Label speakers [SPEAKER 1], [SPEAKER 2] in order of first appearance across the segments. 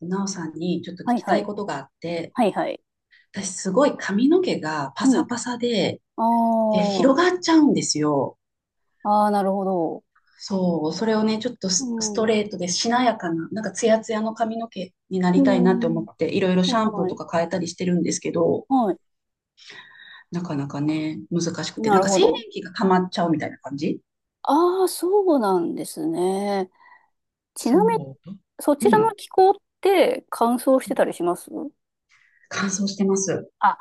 [SPEAKER 1] なおさんにちょっと聞
[SPEAKER 2] はい
[SPEAKER 1] き
[SPEAKER 2] は
[SPEAKER 1] たい
[SPEAKER 2] い。
[SPEAKER 1] ことがあって、
[SPEAKER 2] はいはい。
[SPEAKER 1] 私すごい髪の毛がパ
[SPEAKER 2] う
[SPEAKER 1] サ
[SPEAKER 2] ん。
[SPEAKER 1] パサで、で
[SPEAKER 2] あ
[SPEAKER 1] 広がっちゃうんですよ。
[SPEAKER 2] あ。ああ、なるほど。
[SPEAKER 1] そう、それをね、ちょっと
[SPEAKER 2] う
[SPEAKER 1] ススト
[SPEAKER 2] ん。
[SPEAKER 1] レートでしなやかな、なんかツヤツヤの髪の毛になり
[SPEAKER 2] う
[SPEAKER 1] たいなって思
[SPEAKER 2] ん。
[SPEAKER 1] って、いろいろ
[SPEAKER 2] は
[SPEAKER 1] シ
[SPEAKER 2] い
[SPEAKER 1] ャンプー
[SPEAKER 2] は
[SPEAKER 1] と
[SPEAKER 2] い。
[SPEAKER 1] か変えたりしてるんですけど、
[SPEAKER 2] は
[SPEAKER 1] なかなかね、難しく
[SPEAKER 2] い。
[SPEAKER 1] て、
[SPEAKER 2] な
[SPEAKER 1] なん
[SPEAKER 2] る
[SPEAKER 1] か
[SPEAKER 2] ほ
[SPEAKER 1] 静電
[SPEAKER 2] ど。
[SPEAKER 1] 気が溜まっちゃうみたいな感じ。
[SPEAKER 2] ああ、そうなんですね。ちなみに、
[SPEAKER 1] そ
[SPEAKER 2] そ
[SPEAKER 1] う。
[SPEAKER 2] ち
[SPEAKER 1] う
[SPEAKER 2] ら
[SPEAKER 1] ん。
[SPEAKER 2] の気候って乾燥してたりします？
[SPEAKER 1] 乾燥してます。
[SPEAKER 2] あ、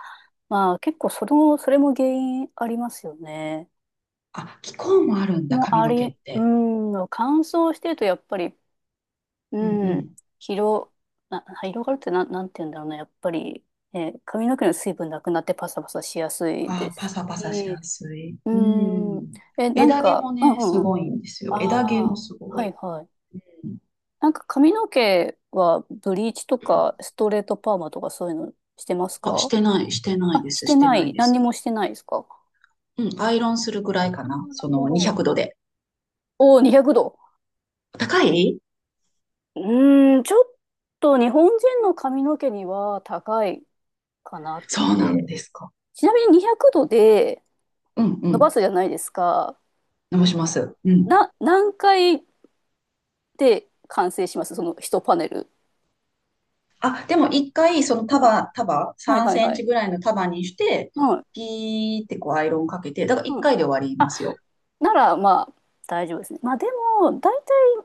[SPEAKER 2] まあ結構それも、それも原因ありますよね。
[SPEAKER 1] あ、気候もあるんだ、
[SPEAKER 2] もう
[SPEAKER 1] 髪
[SPEAKER 2] あ
[SPEAKER 1] の
[SPEAKER 2] り、
[SPEAKER 1] 毛っ
[SPEAKER 2] う
[SPEAKER 1] て。
[SPEAKER 2] ん、乾燥してるとやっぱり、
[SPEAKER 1] うんう
[SPEAKER 2] うん。
[SPEAKER 1] ん。
[SPEAKER 2] 広、広がるってなん、て言うんだろうな。やっぱり、髪の毛の水分なくなってパサパサしやすい
[SPEAKER 1] あ
[SPEAKER 2] で
[SPEAKER 1] あ、パ
[SPEAKER 2] す
[SPEAKER 1] サパサし
[SPEAKER 2] し。
[SPEAKER 1] やすい。
[SPEAKER 2] う
[SPEAKER 1] う
[SPEAKER 2] ん。
[SPEAKER 1] ん。
[SPEAKER 2] え、なん
[SPEAKER 1] 枝毛
[SPEAKER 2] か、
[SPEAKER 1] も
[SPEAKER 2] うん
[SPEAKER 1] ね、
[SPEAKER 2] う
[SPEAKER 1] す
[SPEAKER 2] んうん。
[SPEAKER 1] ごいんですよ。枝毛
[SPEAKER 2] あ
[SPEAKER 1] も
[SPEAKER 2] あ、
[SPEAKER 1] すご
[SPEAKER 2] はい
[SPEAKER 1] い。
[SPEAKER 2] はい。なんか髪の毛はブリーチとかストレートパーマとかそういうのしてます
[SPEAKER 1] あ、し
[SPEAKER 2] か？
[SPEAKER 1] てない、してない
[SPEAKER 2] あ、
[SPEAKER 1] で
[SPEAKER 2] し
[SPEAKER 1] す、
[SPEAKER 2] て
[SPEAKER 1] して
[SPEAKER 2] な
[SPEAKER 1] ない
[SPEAKER 2] い。
[SPEAKER 1] で
[SPEAKER 2] 何に
[SPEAKER 1] す。
[SPEAKER 2] もしてないですか？
[SPEAKER 1] うん、アイロンするぐらいか
[SPEAKER 2] あ
[SPEAKER 1] な。
[SPEAKER 2] ーな
[SPEAKER 1] そ
[SPEAKER 2] るほ
[SPEAKER 1] の
[SPEAKER 2] ど。
[SPEAKER 1] 200度で。
[SPEAKER 2] おお、200度。
[SPEAKER 1] 高い。
[SPEAKER 2] うーん、ちょっと日本人の髪の毛には高いかなっ
[SPEAKER 1] そうなん
[SPEAKER 2] て。
[SPEAKER 1] ですか。
[SPEAKER 2] ちなみに200度で
[SPEAKER 1] うんう
[SPEAKER 2] 伸ば
[SPEAKER 1] ん。
[SPEAKER 2] すじゃないですか。
[SPEAKER 1] 伸ばします。うん。
[SPEAKER 2] 何回で完成します、その一パネル？
[SPEAKER 1] あ、でも一回、その
[SPEAKER 2] うん。はい
[SPEAKER 1] 3
[SPEAKER 2] はい
[SPEAKER 1] セン
[SPEAKER 2] は
[SPEAKER 1] チ
[SPEAKER 2] い。
[SPEAKER 1] ぐらいの束にして、
[SPEAKER 2] はい。
[SPEAKER 1] ピーってこうアイロンかけて、だから一
[SPEAKER 2] うん。
[SPEAKER 1] 回で終わりま
[SPEAKER 2] あ、
[SPEAKER 1] すよ。
[SPEAKER 2] ならまあ大丈夫ですね。まあでも、大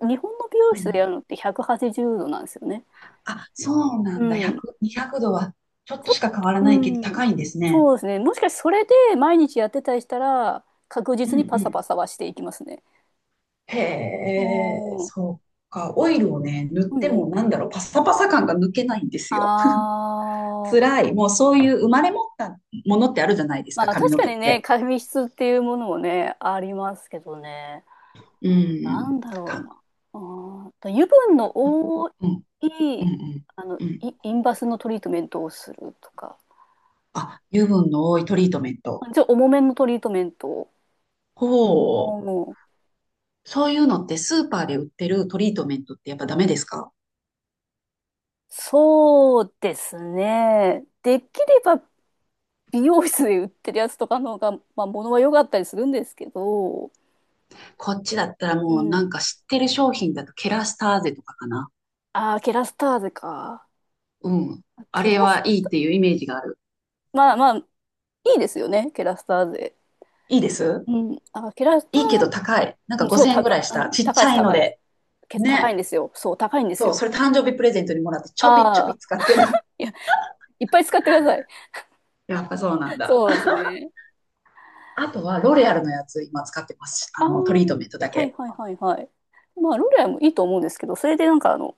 [SPEAKER 2] 体日本の美容
[SPEAKER 1] う
[SPEAKER 2] 室で
[SPEAKER 1] ん。
[SPEAKER 2] やるのって180度なんですよね。
[SPEAKER 1] あ、そうな
[SPEAKER 2] う
[SPEAKER 1] んだ。
[SPEAKER 2] ん。ち
[SPEAKER 1] 100、200度はちょっと
[SPEAKER 2] ょっ
[SPEAKER 1] しか変
[SPEAKER 2] と、
[SPEAKER 1] わら
[SPEAKER 2] う
[SPEAKER 1] ないけど
[SPEAKER 2] ん。
[SPEAKER 1] 高いんですね。
[SPEAKER 2] そうですね。もしかしてそれで毎日やってたりしたら、確
[SPEAKER 1] うん
[SPEAKER 2] 実
[SPEAKER 1] う
[SPEAKER 2] にパサ
[SPEAKER 1] ん。
[SPEAKER 2] パサはしていきますね。
[SPEAKER 1] へえ、
[SPEAKER 2] おー。
[SPEAKER 1] そうか。オイルをね、塗っ
[SPEAKER 2] う
[SPEAKER 1] て
[SPEAKER 2] んう
[SPEAKER 1] も
[SPEAKER 2] ん。
[SPEAKER 1] なんだろう、パサパサ感が抜けないんですよ。
[SPEAKER 2] あー。
[SPEAKER 1] 辛い。もうそういう生まれ持ったものってあるじゃないです
[SPEAKER 2] ま
[SPEAKER 1] か、
[SPEAKER 2] あ
[SPEAKER 1] 髪
[SPEAKER 2] 確
[SPEAKER 1] の
[SPEAKER 2] か
[SPEAKER 1] 毛っ
[SPEAKER 2] にね、
[SPEAKER 1] て。
[SPEAKER 2] 紙質っていうものもね、ありますけどね。
[SPEAKER 1] う
[SPEAKER 2] な
[SPEAKER 1] ん。
[SPEAKER 2] んだろう
[SPEAKER 1] か、
[SPEAKER 2] な。あーと油分の
[SPEAKER 1] うん、
[SPEAKER 2] 多
[SPEAKER 1] うん、う
[SPEAKER 2] い、
[SPEAKER 1] ん。
[SPEAKER 2] あの、
[SPEAKER 1] うん、
[SPEAKER 2] インバスのトリートメントをするとか、
[SPEAKER 1] あ、油分の多いトリートメント。
[SPEAKER 2] ちょっと重めのトリートメントを。う
[SPEAKER 1] ほう。
[SPEAKER 2] ん。
[SPEAKER 1] そういうのってスーパーで売ってるトリートメントってやっぱダメですか？
[SPEAKER 2] そうですね。できれば美容室で売ってるやつとかの方が、まあ、物は良かったりするんですけど、
[SPEAKER 1] こっちだったら
[SPEAKER 2] う
[SPEAKER 1] もうな
[SPEAKER 2] ん。
[SPEAKER 1] んか知ってる商品だとケラスターゼとかかな。
[SPEAKER 2] ああ、ケラスターゼか。
[SPEAKER 1] うん。あ
[SPEAKER 2] ケ
[SPEAKER 1] れ
[SPEAKER 2] ラス、
[SPEAKER 1] はいいっていうイメージがある。
[SPEAKER 2] まあまあ、いいですよね、ケラスターゼ。
[SPEAKER 1] いいです。
[SPEAKER 2] うん、あ、キラスタ
[SPEAKER 1] いいけど
[SPEAKER 2] ー、
[SPEAKER 1] 高い。なん
[SPEAKER 2] う
[SPEAKER 1] か
[SPEAKER 2] ん、そう、
[SPEAKER 1] 5000円ぐら
[SPEAKER 2] 高、
[SPEAKER 1] いし
[SPEAKER 2] う
[SPEAKER 1] た。
[SPEAKER 2] ん、
[SPEAKER 1] ちっ
[SPEAKER 2] 高い
[SPEAKER 1] ち
[SPEAKER 2] です、
[SPEAKER 1] ゃいの
[SPEAKER 2] 高いです。
[SPEAKER 1] で。
[SPEAKER 2] 高いん
[SPEAKER 1] ね。
[SPEAKER 2] ですよ。そう、高いんです
[SPEAKER 1] そう、
[SPEAKER 2] よ。
[SPEAKER 1] それ誕生日プレゼントにもらってちょびちょ
[SPEAKER 2] あ
[SPEAKER 1] び
[SPEAKER 2] あ、
[SPEAKER 1] 使ってる。
[SPEAKER 2] いや、いっぱい使ってください。
[SPEAKER 1] やっぱそうなんだ。
[SPEAKER 2] そうですね。
[SPEAKER 1] あとはロレアルのやつ今使ってます。
[SPEAKER 2] あ
[SPEAKER 1] あ
[SPEAKER 2] あ
[SPEAKER 1] の、トリート
[SPEAKER 2] ー、
[SPEAKER 1] メントだ
[SPEAKER 2] はい
[SPEAKER 1] け。
[SPEAKER 2] はいはいはい。まあ、ロレアもいいと思うんですけど、それでなんかあの、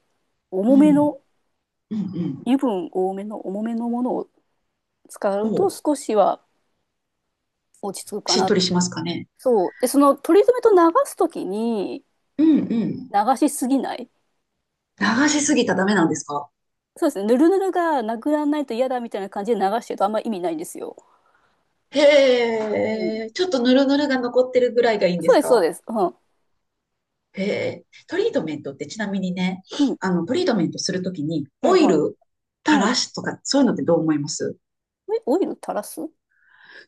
[SPEAKER 2] 重
[SPEAKER 1] う
[SPEAKER 2] め
[SPEAKER 1] ん。
[SPEAKER 2] の、
[SPEAKER 1] うんうん。
[SPEAKER 2] 油分多めの重めのものを使
[SPEAKER 1] そ
[SPEAKER 2] うと
[SPEAKER 1] う。
[SPEAKER 2] 少しは落ち着くか
[SPEAKER 1] しっ
[SPEAKER 2] な。
[SPEAKER 1] とりしますかね。
[SPEAKER 2] そう。で、そのトリートメント流すときに
[SPEAKER 1] うんうん。
[SPEAKER 2] 流しすぎない。
[SPEAKER 1] 流しすぎたらダメなんですか？
[SPEAKER 2] そうですね。ぬるぬるがなくならないと嫌だみたいな感じで流してるとあんま意味ないんですよ。
[SPEAKER 1] へ
[SPEAKER 2] う
[SPEAKER 1] え。
[SPEAKER 2] ん、
[SPEAKER 1] ちょっとヌルヌルが残ってるぐらいがいいんで
[SPEAKER 2] そう
[SPEAKER 1] す
[SPEAKER 2] です、そう
[SPEAKER 1] か？
[SPEAKER 2] です。うん。
[SPEAKER 1] へえ。トリートメントってちなみにね、
[SPEAKER 2] うん。
[SPEAKER 1] あの、トリートメントするときに
[SPEAKER 2] は
[SPEAKER 1] オ
[SPEAKER 2] い、
[SPEAKER 1] イ
[SPEAKER 2] はい。
[SPEAKER 1] ル垂
[SPEAKER 2] うん。
[SPEAKER 1] らしとか、そういうのってどう思います？
[SPEAKER 2] え、オイル垂らす、う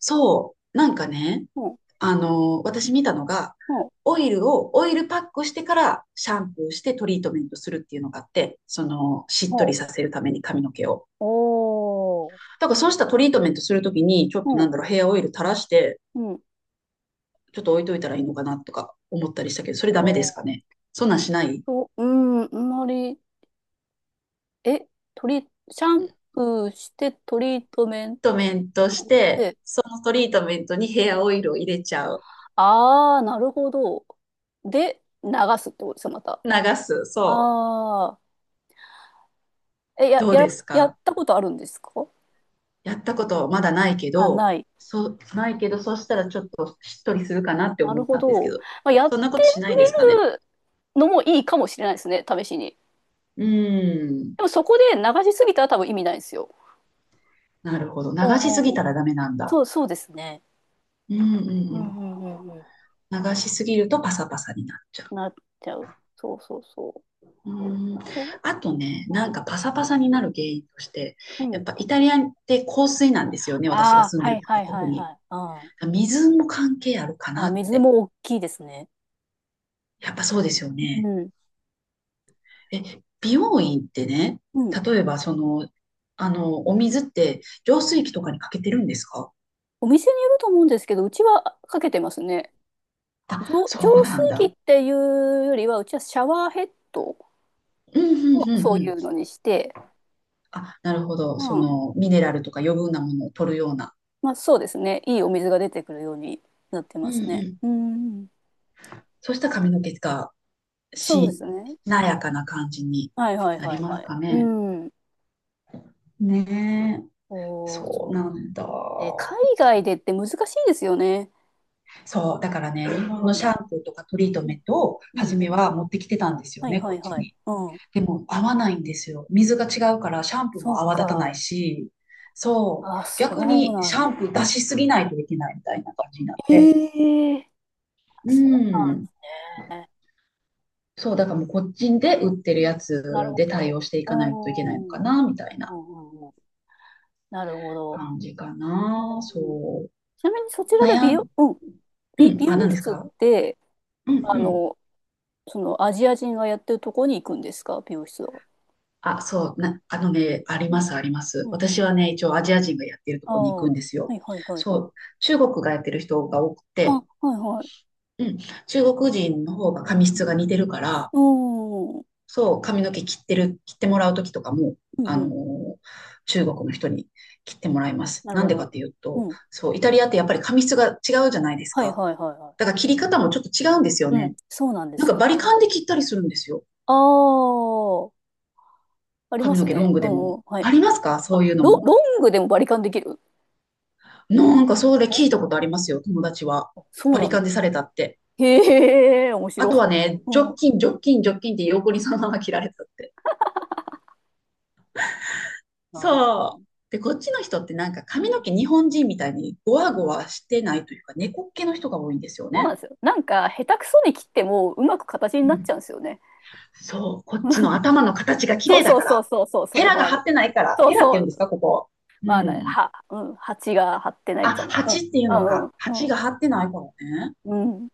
[SPEAKER 1] そう、なんかね、
[SPEAKER 2] ん。
[SPEAKER 1] あの、私見たのが、
[SPEAKER 2] うん。
[SPEAKER 1] オイルを、オイルパックしてからシャンプーしてトリートメントするっていうのがあって、その、しっ
[SPEAKER 2] う
[SPEAKER 1] と
[SPEAKER 2] ん。
[SPEAKER 1] りさせるために髪の毛を。
[SPEAKER 2] おー。
[SPEAKER 1] だからそうしたトリートメントするときに、ちょっ
[SPEAKER 2] う
[SPEAKER 1] とな
[SPEAKER 2] ん。
[SPEAKER 1] んだろう、ヘアオイル垂らして、
[SPEAKER 2] うん。
[SPEAKER 1] ちょっと置いといたらいいのかなとか思ったりしたけど、それ
[SPEAKER 2] あ
[SPEAKER 1] ダメです
[SPEAKER 2] ー
[SPEAKER 1] かね。そんなんしないトリー
[SPEAKER 2] と、うん、あんまり、え、シャンプーしてトリートメン
[SPEAKER 1] トメントし
[SPEAKER 2] ト
[SPEAKER 1] て、
[SPEAKER 2] で、
[SPEAKER 1] そのトリートメントにヘアオイルを入れちゃう。
[SPEAKER 2] ああー、なるほど。で、流すってことですよ、また。
[SPEAKER 1] 流す。そう。
[SPEAKER 2] ああ、え、
[SPEAKER 1] どうです
[SPEAKER 2] やっ
[SPEAKER 1] か？
[SPEAKER 2] たことあるんですか？
[SPEAKER 1] やったことまだないけ
[SPEAKER 2] あ、
[SPEAKER 1] ど、
[SPEAKER 2] ない。
[SPEAKER 1] そう、ないけど、そしたらちょっとしっとりするかなって
[SPEAKER 2] な
[SPEAKER 1] 思
[SPEAKER 2] る
[SPEAKER 1] っ
[SPEAKER 2] ほ
[SPEAKER 1] たんですけ
[SPEAKER 2] ど。
[SPEAKER 1] ど、
[SPEAKER 2] まあ、やっ
[SPEAKER 1] そんなこ
[SPEAKER 2] て
[SPEAKER 1] としな
[SPEAKER 2] み
[SPEAKER 1] いですかね。
[SPEAKER 2] るのもいいかもしれないですね、試しに。
[SPEAKER 1] うーん、
[SPEAKER 2] でもそこで流しすぎたら多分意味ないんですよ。
[SPEAKER 1] なるほど。
[SPEAKER 2] お
[SPEAKER 1] 流しす
[SPEAKER 2] う
[SPEAKER 1] ぎ
[SPEAKER 2] おう
[SPEAKER 1] た
[SPEAKER 2] おう、
[SPEAKER 1] らダメなんだ。
[SPEAKER 2] そう、そうですね。
[SPEAKER 1] うんうん
[SPEAKER 2] う
[SPEAKER 1] うん。
[SPEAKER 2] んうんうんう
[SPEAKER 1] 流しすぎるとパサパサになっちゃ
[SPEAKER 2] ん。なっちゃう。そうそうそ
[SPEAKER 1] う。うーん。
[SPEAKER 2] う。お
[SPEAKER 1] あとね、な
[SPEAKER 2] う
[SPEAKER 1] んか
[SPEAKER 2] ん。
[SPEAKER 1] パサパサになる原因として、
[SPEAKER 2] う
[SPEAKER 1] やっ
[SPEAKER 2] ん。
[SPEAKER 1] ぱイタリアって香水なんですよね。
[SPEAKER 2] あ
[SPEAKER 1] 私が
[SPEAKER 2] あ、
[SPEAKER 1] 住んで
[SPEAKER 2] はい
[SPEAKER 1] るとこ
[SPEAKER 2] は
[SPEAKER 1] は
[SPEAKER 2] いは
[SPEAKER 1] 特
[SPEAKER 2] い
[SPEAKER 1] に。
[SPEAKER 2] はい。あ
[SPEAKER 1] 水も関係あるか
[SPEAKER 2] あ、
[SPEAKER 1] な
[SPEAKER 2] あ、
[SPEAKER 1] っ
[SPEAKER 2] 水
[SPEAKER 1] て。
[SPEAKER 2] も大きいですね。
[SPEAKER 1] やっぱそうですよ
[SPEAKER 2] う
[SPEAKER 1] ね。
[SPEAKER 2] ん。
[SPEAKER 1] え、美容院ってね、
[SPEAKER 2] うん。
[SPEAKER 1] 例えばその、あの、お水って浄水器とかにかけてるんですか？
[SPEAKER 2] お店によると思うんですけど、うちはかけてますね。
[SPEAKER 1] あ、そう
[SPEAKER 2] 浄
[SPEAKER 1] な
[SPEAKER 2] 水
[SPEAKER 1] ん
[SPEAKER 2] 器
[SPEAKER 1] だ。
[SPEAKER 2] っていうよりは、うちはシャワーヘッド
[SPEAKER 1] うん、うん、
[SPEAKER 2] を
[SPEAKER 1] う
[SPEAKER 2] そ
[SPEAKER 1] ん、
[SPEAKER 2] う
[SPEAKER 1] う
[SPEAKER 2] い
[SPEAKER 1] ん。
[SPEAKER 2] うのにして、
[SPEAKER 1] あ、なるほど。
[SPEAKER 2] う
[SPEAKER 1] そ
[SPEAKER 2] ん。
[SPEAKER 1] の、ミネラルとか余分なものを取るような。
[SPEAKER 2] まあそうですね。いいお水が出てくるようになって
[SPEAKER 1] う
[SPEAKER 2] ま
[SPEAKER 1] ん、う
[SPEAKER 2] すね。
[SPEAKER 1] ん。
[SPEAKER 2] うん。
[SPEAKER 1] そうしたら髪の毛が
[SPEAKER 2] そうで
[SPEAKER 1] し、
[SPEAKER 2] すね。
[SPEAKER 1] な
[SPEAKER 2] う
[SPEAKER 1] やか
[SPEAKER 2] ん、
[SPEAKER 1] な感じに
[SPEAKER 2] はいはい
[SPEAKER 1] な
[SPEAKER 2] は
[SPEAKER 1] り
[SPEAKER 2] い
[SPEAKER 1] ます
[SPEAKER 2] はい。
[SPEAKER 1] か
[SPEAKER 2] う
[SPEAKER 1] ね。
[SPEAKER 2] ん。
[SPEAKER 1] ねえ。
[SPEAKER 2] おー、
[SPEAKER 1] そ
[SPEAKER 2] そ
[SPEAKER 1] う
[SPEAKER 2] う。
[SPEAKER 1] なんだ。
[SPEAKER 2] ね、海外でって難しいですよね。
[SPEAKER 1] そう。だからね、日
[SPEAKER 2] う
[SPEAKER 1] 本の
[SPEAKER 2] ん。
[SPEAKER 1] シャンプーとかトリート
[SPEAKER 2] う
[SPEAKER 1] メ
[SPEAKER 2] ん。
[SPEAKER 1] ントを
[SPEAKER 2] うん
[SPEAKER 1] 初め
[SPEAKER 2] うん。
[SPEAKER 1] は持ってきてたんですよ
[SPEAKER 2] はい
[SPEAKER 1] ね、
[SPEAKER 2] は
[SPEAKER 1] こ
[SPEAKER 2] い
[SPEAKER 1] っち
[SPEAKER 2] はい。
[SPEAKER 1] に。
[SPEAKER 2] うん。
[SPEAKER 1] でも合わないんですよ。水が違うからシャンプー
[SPEAKER 2] そ
[SPEAKER 1] も
[SPEAKER 2] う
[SPEAKER 1] 泡立たない
[SPEAKER 2] か。
[SPEAKER 1] し、そう、
[SPEAKER 2] あ、そ
[SPEAKER 1] 逆
[SPEAKER 2] う
[SPEAKER 1] に
[SPEAKER 2] な
[SPEAKER 1] シ
[SPEAKER 2] ん
[SPEAKER 1] ャ
[SPEAKER 2] だ。
[SPEAKER 1] ンプー出しすぎないといけないみたいな感じになって。
[SPEAKER 2] ええ、
[SPEAKER 1] う
[SPEAKER 2] そ
[SPEAKER 1] ん。
[SPEAKER 2] うね。
[SPEAKER 1] そう、だからもうこっちで売って
[SPEAKER 2] う
[SPEAKER 1] るや
[SPEAKER 2] ん、なる
[SPEAKER 1] つ
[SPEAKER 2] ほ
[SPEAKER 1] で対
[SPEAKER 2] ど。
[SPEAKER 1] 応してい
[SPEAKER 2] う
[SPEAKER 1] かないといけないの
[SPEAKER 2] ん。う
[SPEAKER 1] か
[SPEAKER 2] ん
[SPEAKER 1] な、みたいな
[SPEAKER 2] うんうん。なるほど。
[SPEAKER 1] 感じか
[SPEAKER 2] う
[SPEAKER 1] な。
[SPEAKER 2] ん。
[SPEAKER 1] そう。
[SPEAKER 2] ちなみに
[SPEAKER 1] あ
[SPEAKER 2] そ
[SPEAKER 1] と
[SPEAKER 2] ちらで
[SPEAKER 1] 悩
[SPEAKER 2] 美
[SPEAKER 1] ん、
[SPEAKER 2] 容、うん。
[SPEAKER 1] うん、
[SPEAKER 2] 美
[SPEAKER 1] あ、
[SPEAKER 2] 容
[SPEAKER 1] 何です
[SPEAKER 2] 室っ
[SPEAKER 1] か？
[SPEAKER 2] て、
[SPEAKER 1] うんう
[SPEAKER 2] あ
[SPEAKER 1] ん。
[SPEAKER 2] の、そのアジア人がやってるとこに行くんですか、美容室は？
[SPEAKER 1] あ、そう、な、あのね、あり
[SPEAKER 2] う
[SPEAKER 1] ます、あります。
[SPEAKER 2] んう
[SPEAKER 1] 私
[SPEAKER 2] ん、
[SPEAKER 1] はね、一応アジア人がやってると
[SPEAKER 2] あ
[SPEAKER 1] こに
[SPEAKER 2] あ、
[SPEAKER 1] 行
[SPEAKER 2] は
[SPEAKER 1] くんですよ。
[SPEAKER 2] いはいはい
[SPEAKER 1] そ
[SPEAKER 2] はい。
[SPEAKER 1] う、中国がやってる人が多く
[SPEAKER 2] あ、
[SPEAKER 1] て、
[SPEAKER 2] はいはい。
[SPEAKER 1] うん、中国人の方が髪質が似てるから、
[SPEAKER 2] うーん。
[SPEAKER 1] そう、髪の毛切ってる、切ってもらう時とかも、
[SPEAKER 2] うん
[SPEAKER 1] あ
[SPEAKER 2] う
[SPEAKER 1] のー
[SPEAKER 2] ん。
[SPEAKER 1] 中国の人に切ってもらいます。
[SPEAKER 2] なる
[SPEAKER 1] なん
[SPEAKER 2] ほ
[SPEAKER 1] でか
[SPEAKER 2] ど。
[SPEAKER 1] っていう
[SPEAKER 2] う
[SPEAKER 1] と、
[SPEAKER 2] ん。
[SPEAKER 1] そう、イタリアってやっぱり髪質が違うじゃないです
[SPEAKER 2] はい
[SPEAKER 1] か。
[SPEAKER 2] はいはいは
[SPEAKER 1] だから切り方もちょっと違うんです
[SPEAKER 2] い。
[SPEAKER 1] よ
[SPEAKER 2] うん。
[SPEAKER 1] ね。
[SPEAKER 2] そうなんで
[SPEAKER 1] なん
[SPEAKER 2] す
[SPEAKER 1] か
[SPEAKER 2] よ
[SPEAKER 1] バリ
[SPEAKER 2] ね。
[SPEAKER 1] カンで切ったりするんですよ。
[SPEAKER 2] ああ、ありま
[SPEAKER 1] 髪の
[SPEAKER 2] す
[SPEAKER 1] 毛ロ
[SPEAKER 2] ね。
[SPEAKER 1] ング
[SPEAKER 2] う
[SPEAKER 1] で
[SPEAKER 2] んう
[SPEAKER 1] も。
[SPEAKER 2] ん。はい。
[SPEAKER 1] ありますかそ
[SPEAKER 2] あ、
[SPEAKER 1] ういうのも。
[SPEAKER 2] ロングでもバリカンできる？
[SPEAKER 1] なんかそれ聞いた
[SPEAKER 2] あ、
[SPEAKER 1] ことありますよ、友達は。
[SPEAKER 2] そう
[SPEAKER 1] バリ
[SPEAKER 2] なん
[SPEAKER 1] カ
[SPEAKER 2] だ。
[SPEAKER 1] ンでされたって。
[SPEAKER 2] へえ、面
[SPEAKER 1] あ
[SPEAKER 2] 白
[SPEAKER 1] と
[SPEAKER 2] い。
[SPEAKER 1] はね、
[SPEAKER 2] うん。
[SPEAKER 1] ジョッキンって横にそのまま切られたって。
[SPEAKER 2] あ
[SPEAKER 1] そう。で、こっちの人ってなんか
[SPEAKER 2] ー、う
[SPEAKER 1] 髪の
[SPEAKER 2] ん。
[SPEAKER 1] 毛日本人みたいにゴワ
[SPEAKER 2] う
[SPEAKER 1] ゴ
[SPEAKER 2] ん、
[SPEAKER 1] ワしてないというか、猫っ毛の人が多いんですよ
[SPEAKER 2] そうなん
[SPEAKER 1] ね。
[SPEAKER 2] ですよ。なんか、下手くそに切ってもうまく形に
[SPEAKER 1] う
[SPEAKER 2] なっち
[SPEAKER 1] ん。
[SPEAKER 2] ゃうんですよね。
[SPEAKER 1] そう。こっちの頭の形が綺
[SPEAKER 2] そう
[SPEAKER 1] 麗だ
[SPEAKER 2] そう
[SPEAKER 1] か
[SPEAKER 2] そう
[SPEAKER 1] ら。
[SPEAKER 2] そうそう、そ
[SPEAKER 1] ヘ
[SPEAKER 2] れ
[SPEAKER 1] ラ
[SPEAKER 2] も
[SPEAKER 1] が
[SPEAKER 2] あ
[SPEAKER 1] 張
[SPEAKER 2] る。
[SPEAKER 1] ってないから。
[SPEAKER 2] そう
[SPEAKER 1] ヘラって
[SPEAKER 2] そ
[SPEAKER 1] 言うんです
[SPEAKER 2] う、
[SPEAKER 1] か、ここ。う
[SPEAKER 2] まあ、な、
[SPEAKER 1] ん。
[SPEAKER 2] は、うん、蜂が張ってない
[SPEAKER 1] あ、
[SPEAKER 2] みたいな。うん、
[SPEAKER 1] 鉢っていう
[SPEAKER 2] う
[SPEAKER 1] のか。
[SPEAKER 2] ん
[SPEAKER 1] 鉢
[SPEAKER 2] う
[SPEAKER 1] が
[SPEAKER 2] ん、
[SPEAKER 1] 張ってないからね。
[SPEAKER 2] うん、うん、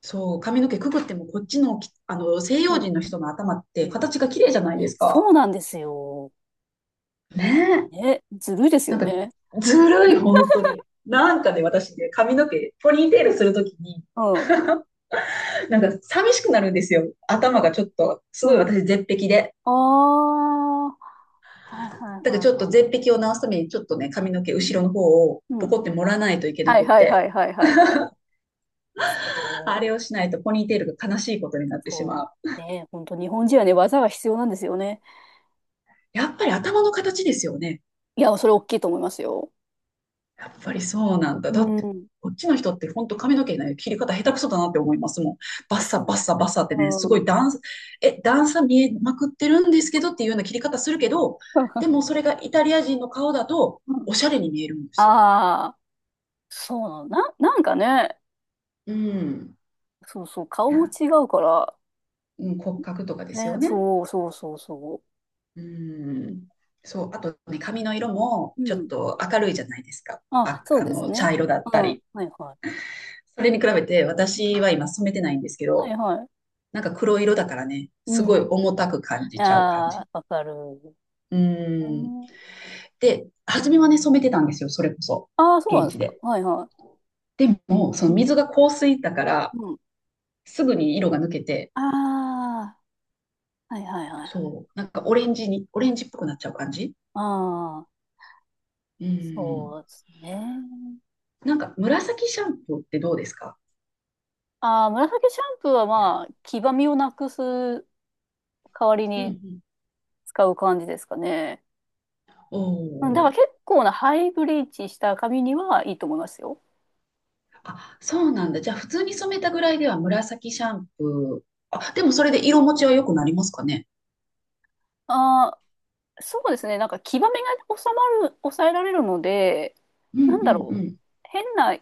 [SPEAKER 1] そう。髪の毛くくってもこっちのき、あの、西
[SPEAKER 2] う
[SPEAKER 1] 洋
[SPEAKER 2] ん、
[SPEAKER 1] 人の人の頭って
[SPEAKER 2] うん、
[SPEAKER 1] 形が綺麗じゃないです
[SPEAKER 2] そ
[SPEAKER 1] か。
[SPEAKER 2] うなんですよ。
[SPEAKER 1] ねえ。
[SPEAKER 2] ね、ずるいです
[SPEAKER 1] な
[SPEAKER 2] よ
[SPEAKER 1] んか、
[SPEAKER 2] ね。
[SPEAKER 1] ずるい、本当に。なんかね、私ね、髪の毛、ポニーテールするときに、
[SPEAKER 2] うん、うん、
[SPEAKER 1] なんか寂しくなるんですよ。頭がちょっと、す
[SPEAKER 2] う
[SPEAKER 1] ごい
[SPEAKER 2] ん。
[SPEAKER 1] 私絶壁で。
[SPEAKER 2] ああ、はいはい
[SPEAKER 1] だから
[SPEAKER 2] は
[SPEAKER 1] ち
[SPEAKER 2] い
[SPEAKER 1] ょっと
[SPEAKER 2] はい。
[SPEAKER 1] 絶壁を直すために、ちょっとね、髪の毛
[SPEAKER 2] うん、
[SPEAKER 1] 後ろの方を
[SPEAKER 2] う
[SPEAKER 1] ポ
[SPEAKER 2] ん、
[SPEAKER 1] コって盛らないといけな
[SPEAKER 2] はい
[SPEAKER 1] くっ
[SPEAKER 2] はいは
[SPEAKER 1] て、
[SPEAKER 2] いはいはいはい。そ
[SPEAKER 1] あ
[SPEAKER 2] う、
[SPEAKER 1] れをしないとポニーテールが悲しいことになってし
[SPEAKER 2] そ
[SPEAKER 1] まう。
[SPEAKER 2] う。ね、本当日本人はね、技が必要なんですよね。
[SPEAKER 1] やっぱり頭の形ですよね。
[SPEAKER 2] いや、それ大きいと思いますよ。
[SPEAKER 1] やっぱりそうなんだ。
[SPEAKER 2] う
[SPEAKER 1] だって、
[SPEAKER 2] ん。
[SPEAKER 1] こっちの人って本当髪の毛の切り方下手くそだなって思いますもん。バッ
[SPEAKER 2] です
[SPEAKER 1] サ
[SPEAKER 2] よね。
[SPEAKER 1] バッサバッサってね、す
[SPEAKER 2] う
[SPEAKER 1] ごい
[SPEAKER 2] ん。
[SPEAKER 1] 段差、え、段差見えまくってるんですけどっていうような切り方するけど、でもそれがイタリア人の顔だとおしゃれに見えるんで す。
[SPEAKER 2] ああ、そうなの。なんかね、
[SPEAKER 1] うん。
[SPEAKER 2] そうそう、顔
[SPEAKER 1] い
[SPEAKER 2] も
[SPEAKER 1] や、
[SPEAKER 2] 違うから、
[SPEAKER 1] うん、骨格とかです
[SPEAKER 2] ね、
[SPEAKER 1] よね。
[SPEAKER 2] そうそうそうそ
[SPEAKER 1] うん。そう、あとね、髪の色も
[SPEAKER 2] う。う
[SPEAKER 1] ちょっ
[SPEAKER 2] ん。
[SPEAKER 1] と明るいじゃないですか。
[SPEAKER 2] あ、
[SPEAKER 1] あ、
[SPEAKER 2] そう
[SPEAKER 1] あ
[SPEAKER 2] です
[SPEAKER 1] の、
[SPEAKER 2] ね。
[SPEAKER 1] 茶色だ
[SPEAKER 2] う
[SPEAKER 1] った
[SPEAKER 2] ん。
[SPEAKER 1] り。
[SPEAKER 2] はいは
[SPEAKER 1] それに比べて
[SPEAKER 2] い。うん、
[SPEAKER 1] 私は今染めてないんですけ
[SPEAKER 2] は
[SPEAKER 1] ど、
[SPEAKER 2] いはい。
[SPEAKER 1] なんか黒色だからね、
[SPEAKER 2] う
[SPEAKER 1] すごい
[SPEAKER 2] ん。
[SPEAKER 1] 重たく感じちゃう感
[SPEAKER 2] ああ、
[SPEAKER 1] じ。
[SPEAKER 2] わかる。
[SPEAKER 1] う
[SPEAKER 2] え
[SPEAKER 1] ん。
[SPEAKER 2] ー、
[SPEAKER 1] で、初めはね、染めてたんですよ、それこそ。
[SPEAKER 2] あー、そうなんで
[SPEAKER 1] 現
[SPEAKER 2] す
[SPEAKER 1] 地
[SPEAKER 2] か。
[SPEAKER 1] で。
[SPEAKER 2] はいは
[SPEAKER 1] でも、そ
[SPEAKER 2] い。
[SPEAKER 1] の
[SPEAKER 2] うん。
[SPEAKER 1] 水が香水だから、
[SPEAKER 2] うん。
[SPEAKER 1] すぐに色が抜けて、
[SPEAKER 2] ああ、はいはいはい。
[SPEAKER 1] そう、なんかオレンジに、オレンジっぽくなっちゃう感じ。
[SPEAKER 2] ああ、
[SPEAKER 1] うん。
[SPEAKER 2] そうですね。
[SPEAKER 1] なんか紫シャンプーってどうですか？
[SPEAKER 2] ああ、紫シャンプーはまあ、黄ばみをなくす代わり
[SPEAKER 1] うんう
[SPEAKER 2] に
[SPEAKER 1] ん。
[SPEAKER 2] 使う感じですかね。
[SPEAKER 1] お
[SPEAKER 2] うん、だ
[SPEAKER 1] お
[SPEAKER 2] か
[SPEAKER 1] ー。
[SPEAKER 2] ら結構なハイブリーチした髪にはいいと思いますよ。
[SPEAKER 1] あ、そうなんだ。じゃあ普通に染めたぐらいでは紫シャンプー。あ、でもそれで色持ちは良くなりますかね？
[SPEAKER 2] ああ、そうですね。なんか、黄ばみが収まる、抑えられるので、
[SPEAKER 1] うん
[SPEAKER 2] な
[SPEAKER 1] う
[SPEAKER 2] んだ
[SPEAKER 1] ん
[SPEAKER 2] ろ
[SPEAKER 1] う
[SPEAKER 2] う。
[SPEAKER 1] ん。
[SPEAKER 2] 変な、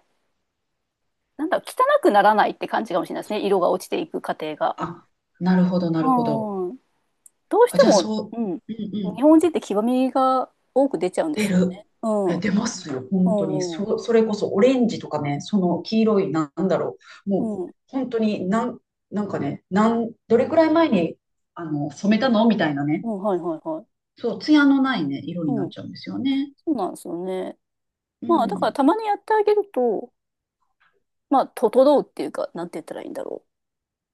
[SPEAKER 2] なんだろう、汚くならないって感じかもしれないですね。色が落ちていく過程が。
[SPEAKER 1] あ、なるほど、な
[SPEAKER 2] う
[SPEAKER 1] るほど。
[SPEAKER 2] ん。どうし
[SPEAKER 1] あ、
[SPEAKER 2] て
[SPEAKER 1] じゃあ
[SPEAKER 2] も、
[SPEAKER 1] そう、
[SPEAKER 2] うん。
[SPEAKER 1] うんうん。
[SPEAKER 2] 日本人って黄ばみが多く出ちゃうんで
[SPEAKER 1] 出
[SPEAKER 2] すよ
[SPEAKER 1] る。
[SPEAKER 2] ね。う
[SPEAKER 1] い
[SPEAKER 2] ん。
[SPEAKER 1] や
[SPEAKER 2] う
[SPEAKER 1] 出ますよ、本当に。
[SPEAKER 2] ん。う
[SPEAKER 1] そ、
[SPEAKER 2] ん。
[SPEAKER 1] それこそオレンジとかね、その黄色い、なんだろう。
[SPEAKER 2] う
[SPEAKER 1] もう、
[SPEAKER 2] ん。
[SPEAKER 1] 本当になん、なんかね、なん、どれくらい前に、あの、染めたのみたいなね。
[SPEAKER 2] うん、はいはいはい。
[SPEAKER 1] そう、ツヤのないね、色に
[SPEAKER 2] う
[SPEAKER 1] なっ
[SPEAKER 2] ん。
[SPEAKER 1] ちゃうんですよね。
[SPEAKER 2] そうなんですよね。
[SPEAKER 1] う
[SPEAKER 2] まあ、だから
[SPEAKER 1] ん。
[SPEAKER 2] たまにやってあげると、まあ、整うっていうか、なんて言ったらいいんだろ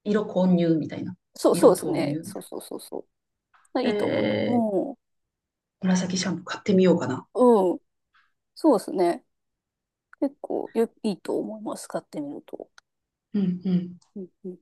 [SPEAKER 1] 色混入みたいな。
[SPEAKER 2] う。そう、そう
[SPEAKER 1] 色
[SPEAKER 2] です
[SPEAKER 1] 投
[SPEAKER 2] ね。
[SPEAKER 1] 入。
[SPEAKER 2] そうそうそうそう。い
[SPEAKER 1] え
[SPEAKER 2] いと思います。
[SPEAKER 1] ー、
[SPEAKER 2] うん。
[SPEAKER 1] 紫シャンプー買ってみようかな。
[SPEAKER 2] うん。そうですね。結構よ、いいと思います、買ってみると。
[SPEAKER 1] うんうん
[SPEAKER 2] うんうん